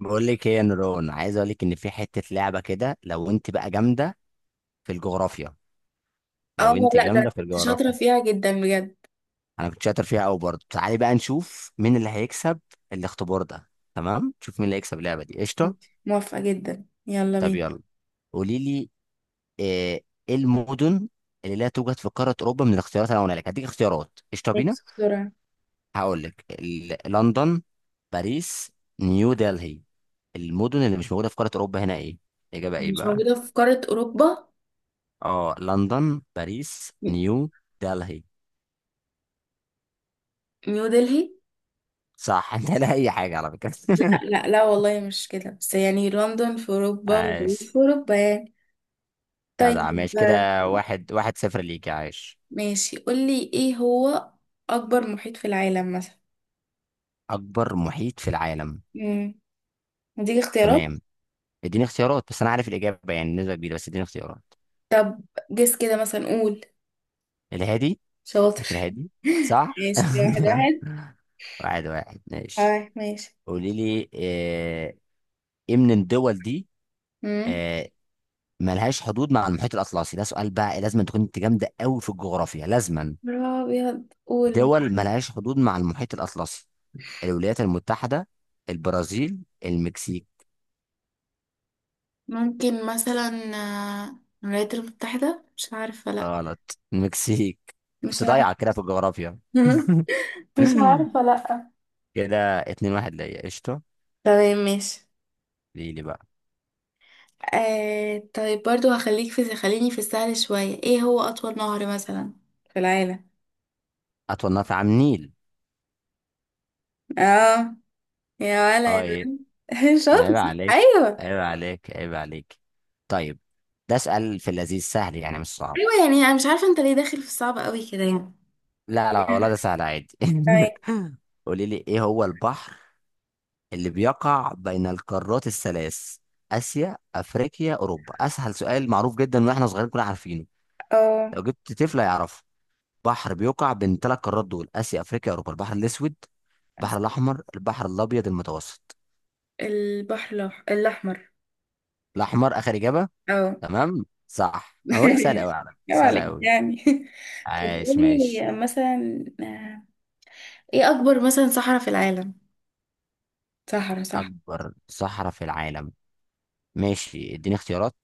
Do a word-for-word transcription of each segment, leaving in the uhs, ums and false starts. بقول لك ايه يا نوران، عايز اقول لك ان في حته لعبه كده. لو انت بقى جامده في الجغرافيا. اه لو انت لا، ده أنا جامده في كنت شاطرة الجغرافيا، فيها جدا بجد. انا كنت شاطر فيها قوي برضه. تعالي بقى نشوف مين اللي هيكسب الاختبار ده. تمام، نشوف مين اللي هيكسب اللعبه دي. قشطه، موافقة جدا، يلا طب بينا. يلا. قولي لي ايه إيه المدن اللي لا توجد في قاره اوروبا؟ من الاختيارات اللي انا هقولها لك، هديك اختيارات. قشطه بينا. ماشي، بسرعة. هقول لك ال- لندن، باريس، نيو دلهي. المدن اللي مش موجوده في قاره اوروبا هنا ايه؟ الاجابه ايه مش بقى؟ موجودة في قارة أوروبا. اه، لندن، باريس، م- نيو دلهي. نيو دلهي. صح انت لا اي حاجه على فكره لا لا لا والله مش كده، بس يعني لندن في أوروبا وباريس عاش، في أوروبا يعني. جدع، طيب. ماشي آه، كده. واحد واحد صفر ليك يا عاش. ماشي، قولي ايه هو أكبر محيط في العالم مثلا. اكبر محيط في العالم. امم هديك اختيارات. تمام، اديني اختيارات، بس انا عارف الاجابه يعني نسبه كبيره، بس اديني اختيارات. طب جس كده مثلا، قول. الهادي، محيط شاطر. الهادي. صح ماشي كده، واحد واحد. واحد واحد ماشي. اه ماشي. قولي لي، آه، ايه من الدول دي امم آه، ملهاش حدود مع المحيط الاطلسي؟ ده سؤال بقى، لازم تكون انت جامده قوي في الجغرافيا لازما. أبيض، قول. دول ملهاش حدود مع المحيط الأطلسي: الولايات المتحدة، البرازيل، المكسيك. ممكن مثلا آه، الولايات المتحدة، مش عارفة، لأ. غلط، المكسيك. كنت مش ضايع عارفة. كده في الجغرافيا مش عارفة، لأ. كده اتنين واحد ليا. قشطة، تمام ماشي. ليه لي بقى. آه طيب، برضو هخليك في، خليني في السهل شوية، ايه هو أطول نهر مثلا في العالم. أطول نهر في عام النيل. اه. يا ولا اه يا. ايه. ولا. شاطر. عيب عليك، ايوه عيب عليك، عيب عليك. طيب، ده اسأل في اللذيذ سهل يعني مش صعب. ايوه. يعني انا مش عارفة انت ليه داخل في الصعب قوي كده يعني. لا لا والله، ده سهل عادي طيب. قولي لي ايه هو البحر اللي بيقع بين القارات الثلاث، آسيا، أفريقيا، أوروبا؟ أسهل سؤال، معروف جدا وإحنا صغيرين كنا عارفينه. اه، لو جبت طفل هيعرفه. بحر بيقع بين ثلاث قارات دول، آسيا، أفريقيا، أوروبا: البحر الأسود، البحر الأحمر، البحر الأبيض المتوسط. البحر الأح- الأحمر. الأحمر آخر إجابة. اه. تمام، صح. أنا بقول لك سهل أوي على فكرة، يا سهل عليك أوي. يعني. عايش ماشي. قولي مثلا آه، ايه اكبر مثلا صحراء في العالم، صحراء، صح. أكبر صحراء في العالم. ماشي، اديني اختيارات.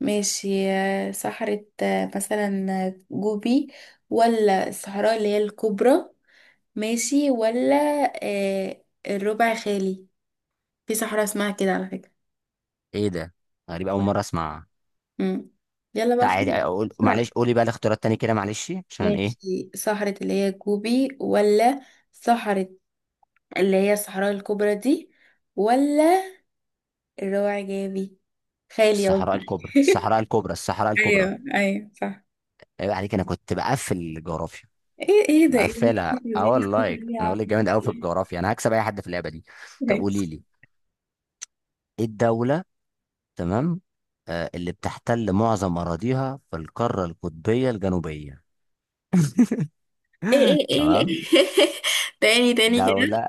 ماشي آه، صحراء، آه، مثلا آه، جوبي، ولا الصحراء اللي هي الكبرى، ماشي ولا، آه، الربع خالي. في صحراء اسمها كده على فكرة. إيه ده؟ غريب، أول مرة أسمعها. مم. يلا بقى تعالي خلاص. أقول، بسرعة. معلش قولي بقى الاختيارات تاني كده، معلش عشان إيه. ماشي، صحراء اللي هي جوبي، ولا صحراء اللي هي الصحراء الكبرى دي، ولا الربع جابي خالي الصحراء قصدي. الكبرى، الصحراء الكبرى، الصحراء ايوه الكبرى. ايوه صح. عيب عليك، انا كنت بقفل الجغرافيا. ايه ايه ده، ايه مقفلها الفكرة دي، اه ايه والله. الفكرة دي يا انا بقول عم؟ لك جامد قوي في الجغرافيا، انا هكسب اي حد في اللعبه دي. طب ماشي. قولي لي ايه الدوله. تمام. آه، اللي بتحتل معظم اراضيها في القاره القطبيه الجنوبيه. ايه ايه تمام. ايه. تاني تاني كده. دوله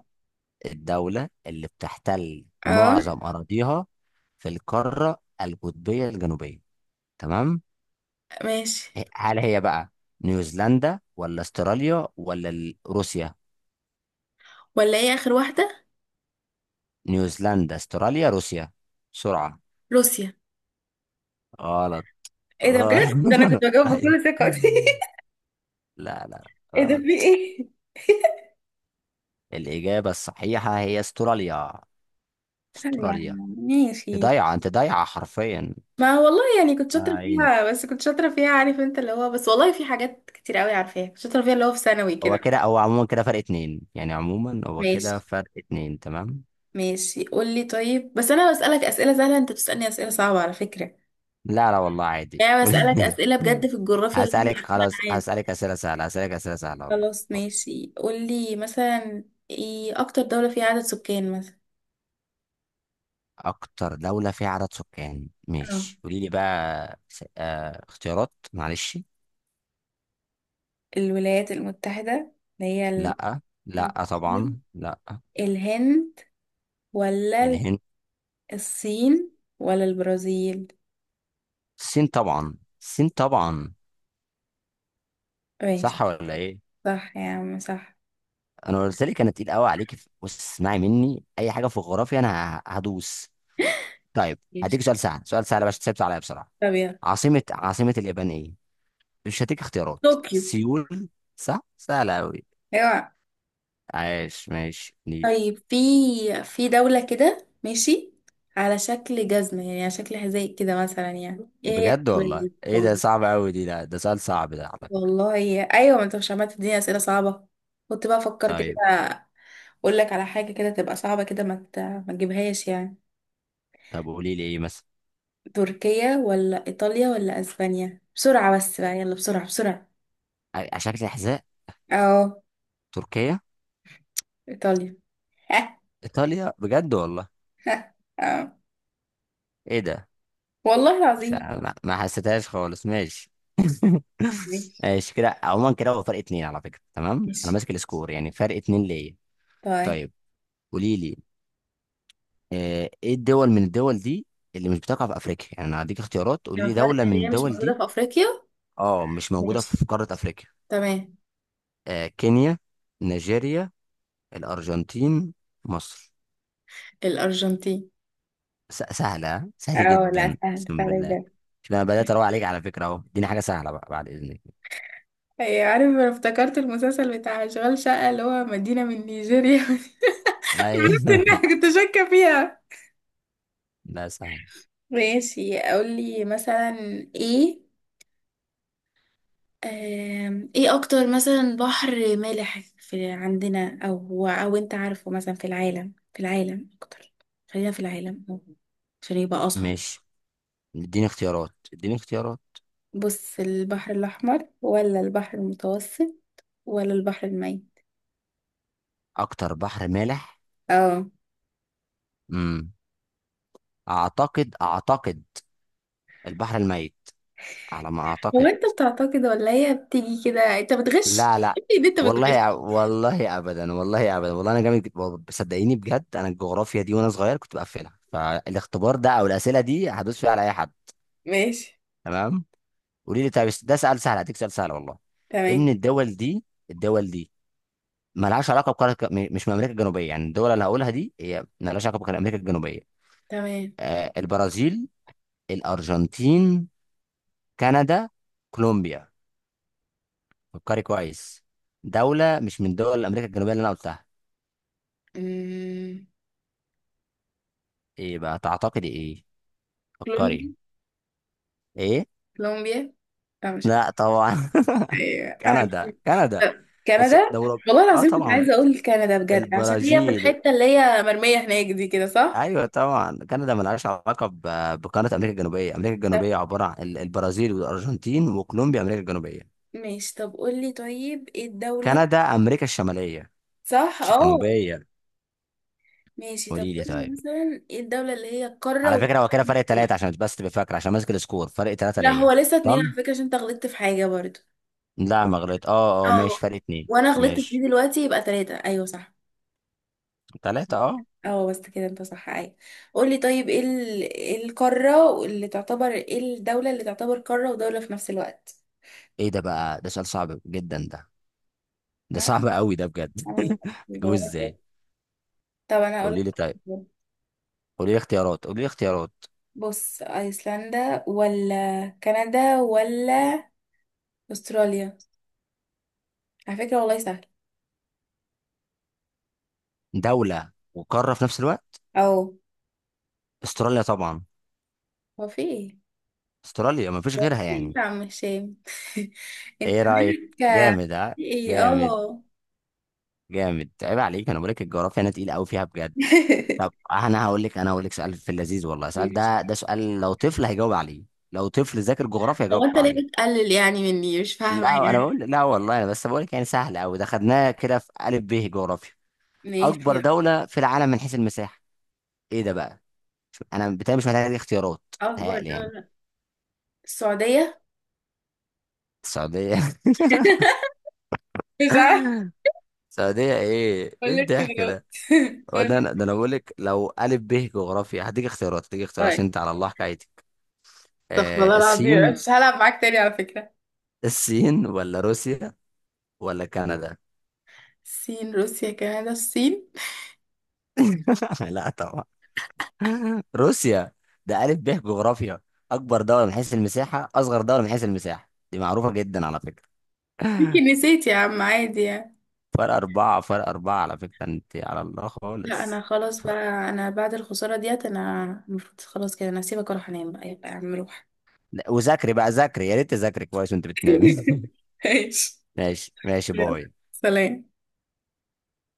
الدوله اللي بتحتل اه معظم اراضيها في القاره القطبيه الجنوبيه. تمام. ماشي، إيه، هل هي بقى نيوزيلندا ولا استراليا ولا ال- روسيا؟ ولا ايه اخر واحدة. نيوزيلندا، استراليا، روسيا. بسرعة. روسيا. غلط. ايه ده بجد، ده انا غلط كنت بجاوب أيوة. بكل ثقة. لا لا، ايه ده، في غلط. ايه؟ الإجابة الصحيحة هي استراليا، يعني استراليا. انت ماشي. ضايعة، انت ضايعة حرفيا. ما والله يعني كنت آه، شاطرة عيني. فيها، بس كنت شاطرة فيها، عارف انت اللي هو، بس والله في حاجات كتير قوي عارفاها، كنت شاطرة فيها اللي هو في ثانوي كده. هو كده، هو عموما كده فرق اتنين يعني، عموما هو ماشي. كده فرق اتنين. تمام. ماشي قولي، طيب بس انا بسألك اسئلة سهلة، انت بتسألني اسئلة صعبة على فكرة. لا لا والله عادي يعني قولي بسألك كده. أسئلة بجد في الجغرافيا اللي احنا هسألك، عارفينها. خلاص عادي. هسألك أسئلة سهلة، هسألك أسئلة سهلة والله. خلاص ماشي، قولي مثلا ايه أكتر دولة فيها عدد سكان مثلا. اكتر دولة فيها عدد سكان. اه، ماشي، قولي لي بقى س- آه اختيارات، معلش. الولايات المتحدة، اللي هي ال... لا، لا م. طبعا لا. الهند، ولا ال- الهند. الصين، ولا البرازيل. الصين طبعا، الصين طبعا. ماشي. صح ولا ايه؟ صح يا عم صح. انا قلت لك انا تقيل قوي عليك. بص اسمعي مني، اي حاجة في الجغرافيا انا ه- هدوس. طيب ماشي، هديك سؤال سهل، سؤال سهل، باش تسيبت عليا بسرعة. طب يلا. عاصمة، عاصمة اليابان ايه؟ مش هديك اختيارات. طوكيو. سيول. صح، سهلة قوي. ايوه. عايش ماشي. طيب، في في دولة كده ماشي، على شكل جزمة، يعني على شكل حذاء كده مثلا، يعني ايه هي بجد والله، ايه الدولة ده دي؟ صعب قوي دي، لا ده سؤال صعب ده على فكرة. والله ايوه، ما انت مش عمال تديني اسئله صعبه، كنت بقى افكر كده طيب، اقول لك على حاجه كده تبقى صعبه كده، ما ت- ما تجيبهاش يعني. طب قولي لي ايه مثلا. تركيا ولا ايطاليا ولا اسبانيا، بسرعه، بس بقى، يلا بسرعه بسرعه. ع- على شكل حذاء. اه، تركيا، ايطاليا. ايطاليا. بجد والله، آه. ايه ده؟ والله مش العظيم. ع- ما ما حسيتهاش خالص، ماشي ماشي. ماشي كده، عموما كده هو فرق اتنين على فكرة. تمام، انا ماشي ماسك السكور يعني فرق اتنين ليا. طيب، طيب قولي لي، آه، ايه الدول من الدول دي اللي مش بتقع في افريقيا؟ يعني انا هديك اختيارات، قولي لما لي فرق دولة من اللي هي مش الدول موجوده دي. في افريقيا. اه، مش موجودة في ماشي، قارة افريقيا. تمام. آه، كينيا، نيجيريا، الارجنتين، مصر. الارجنتين. س- سهلة، سهلة اه لا، جدا سهل اقسم سهل بالله. بجد. شوف، انا بدأت اروق عليك على فكرة اهو، اديني حاجة سهلة بقى بعد اذنك. هي عارف، انا افتكرت المسلسل بتاع اشغال شقة، اللي هو مدينة من نيجيريا. عرفت انها، ايوه كنت شاكة فيها. لا سهل. ماشي، اقول لي مثلا ايه، آم، ايه اكتر مثلا بحر مالح، في عندنا، او او انت عارفه مثلا، في العالم، في العالم اكتر، خلينا في العالم أهو، عشان يبقى اصعب. ماشي، اديني اختيارات، اديني اختيارات. بص، البحر الاحمر، ولا البحر المتوسط، ولا البحر الميت. اكتر بحر مالح. اه. امم، اعتقد اعتقد البحر الميت، على ما هو اعتقد. انت بتعتقد، ولا هي بتيجي كده، انت بتغش. لا لا، إيه دي، انت بتغش. والله والله ابدا، والله ابدا، والله انا جامد جد- صدقيني بجد، انا الجغرافيا دي وانا صغير كنت بقفلها، فالاختبار ده او الاسئله دي هدوس فيها على اي حد. ماشي، تمام. قولي لي، طب ده سؤال سهل، هديك سؤال سهل والله. ايه تمام من الدول دي، الدول دي مالهاش علاقه بقاره، م- مش من امريكا الجنوبيه؟ يعني الدول اللي هقولها دي هي مالهاش علاقه بامريكا الجنوبيه. تمام. آه، البرازيل، الارجنتين، كندا، كولومبيا. فكري كويس. دوله مش من دول امريكا الجنوبيه اللي انا قلتها. أمم، ايه بقى تعتقدي ايه؟ فكري. كولومبيا. ايه؟ كولومبيا. لا مش لا عارفة. طبعا. ايوه عارفة. كندا، كندا. طب، بس ده كندا. أوروب- والله اه العظيم كنت طبعا. عايزة اقول كندا بجد، عشان هي في البرازيل. الحتة اللي هي مرمية هناك دي كده، صح؟ ايوه طبعا، كندا ملهاش علاقه ب- بقاره امريكا الجنوبيه. امريكا طب الجنوبيه عباره عن ال- البرازيل والارجنتين وكولومبيا. امريكا الجنوبيه. ماشي، طب قولي طيب ايه الدولة. كندا امريكا الشماليه، صح مش اه. الجنوبيه. ماشي، طب قولي لي قولي طيب. مثلا ايه الدولة اللي هي القارة على و... فكره هو كده فرق ثلاثه، عشان بس تبقى فاكره، عشان ماسك السكور فرق ثلاثه لا، هو ليا. لسه اتنين على تمام. فكرة، عشان انت غلطت في حاجة برضو. لا ما غلط، اه اه، ماشي اه، فرق اتنين، وانا غلطت في ماشي. دي دلوقتي، يبقى تلاتة، ايوه صح. ثلاثه اه. اه بس كده انت صح، اي. قولي طيب ايه ال- إيه القارة اللي تعتبر، ايه الدولة اللي تعتبر قارة ودولة في نفس الوقت؟ ايه ده بقى؟ ده سؤال صعب جدا ده ده ها؟ صعب قوي ده بجد. أنا اجيبه جغرافيا. ازاي؟ طب انا قولي لي اقولك، طيب، قولي لي اختيارات، قولي لي اختيارات. بص، ايسلندا ولا كندا ولا استراليا، على فكرة والله سهل. دوله وقاره في نفس الوقت. او، استراليا طبعا، هو في ايه؟ استراليا مفيش هو غيرها في إيه يعني. يا عم هشام؟ انت ايه رايك؟ مالك، جامد ها؟ في ايه، جامد، اه. جامد. عيب عليك، انا بقول لك الجغرافيا انا تقيل قوي فيها بجد. طب انا هقول لك، انا هقول لك سؤال في اللذيذ والله، سؤال ماشي. ده ده سؤال لو طفل هيجاوب عليه. لو طفل ذاكر جغرافيا هيجاوب هو انت ليه عليه. بتقلل يعني مني، مش فاهمة لا انا يعني. بقول، لا والله، انا بس بقول لك يعني سهل قوي، ده خدناه كده في الف ب جغرافيا. ماشي، اكبر دوله في العالم من حيث المساحه. ايه ده بقى؟ شوف، انا بتهيألي مش محتاج اختيارات، اكبر بتهيألي يعني. دولة، السعودية. السعوديه مش عارفة، السعوديه، ايه ايه قولي الضحك اختيارات. ده؟ هو ده انا ده قولي. انا بقول لك، لو الف ب جغرافيا هديك اختيارات، هديك اختيارات طيب، عشان انت على الله حكايتك. استغفر الله آه، العظيم، الصين، مش هلعب معاك تاني على فكرة. الصين ولا روسيا ولا كندا. الصين روسيا كندا، الصين. لا طبعا. روسيا. ده الف ب جغرافيا. اكبر دوله من حيث المساحه، اصغر دوله من حيث المساحه، دي معروفه جدا على فكره يمكن نسيت يا عم، عادي يعني. فرق أربعة، فرق أربعة على فكرة، أنت على الله لا، انا خالص. خلاص ف... بقى، انا بعد الخسارة ديت انا المفروض خلاص كده، انا هسيبك واروح انام بقى، يلا يا عم روح. لا، وذاكري بقى، ذاكري، يا ريت تذاكري كويس وأنت بتنامي ماشي. ماشي، ماشي، يلا. باي. سلام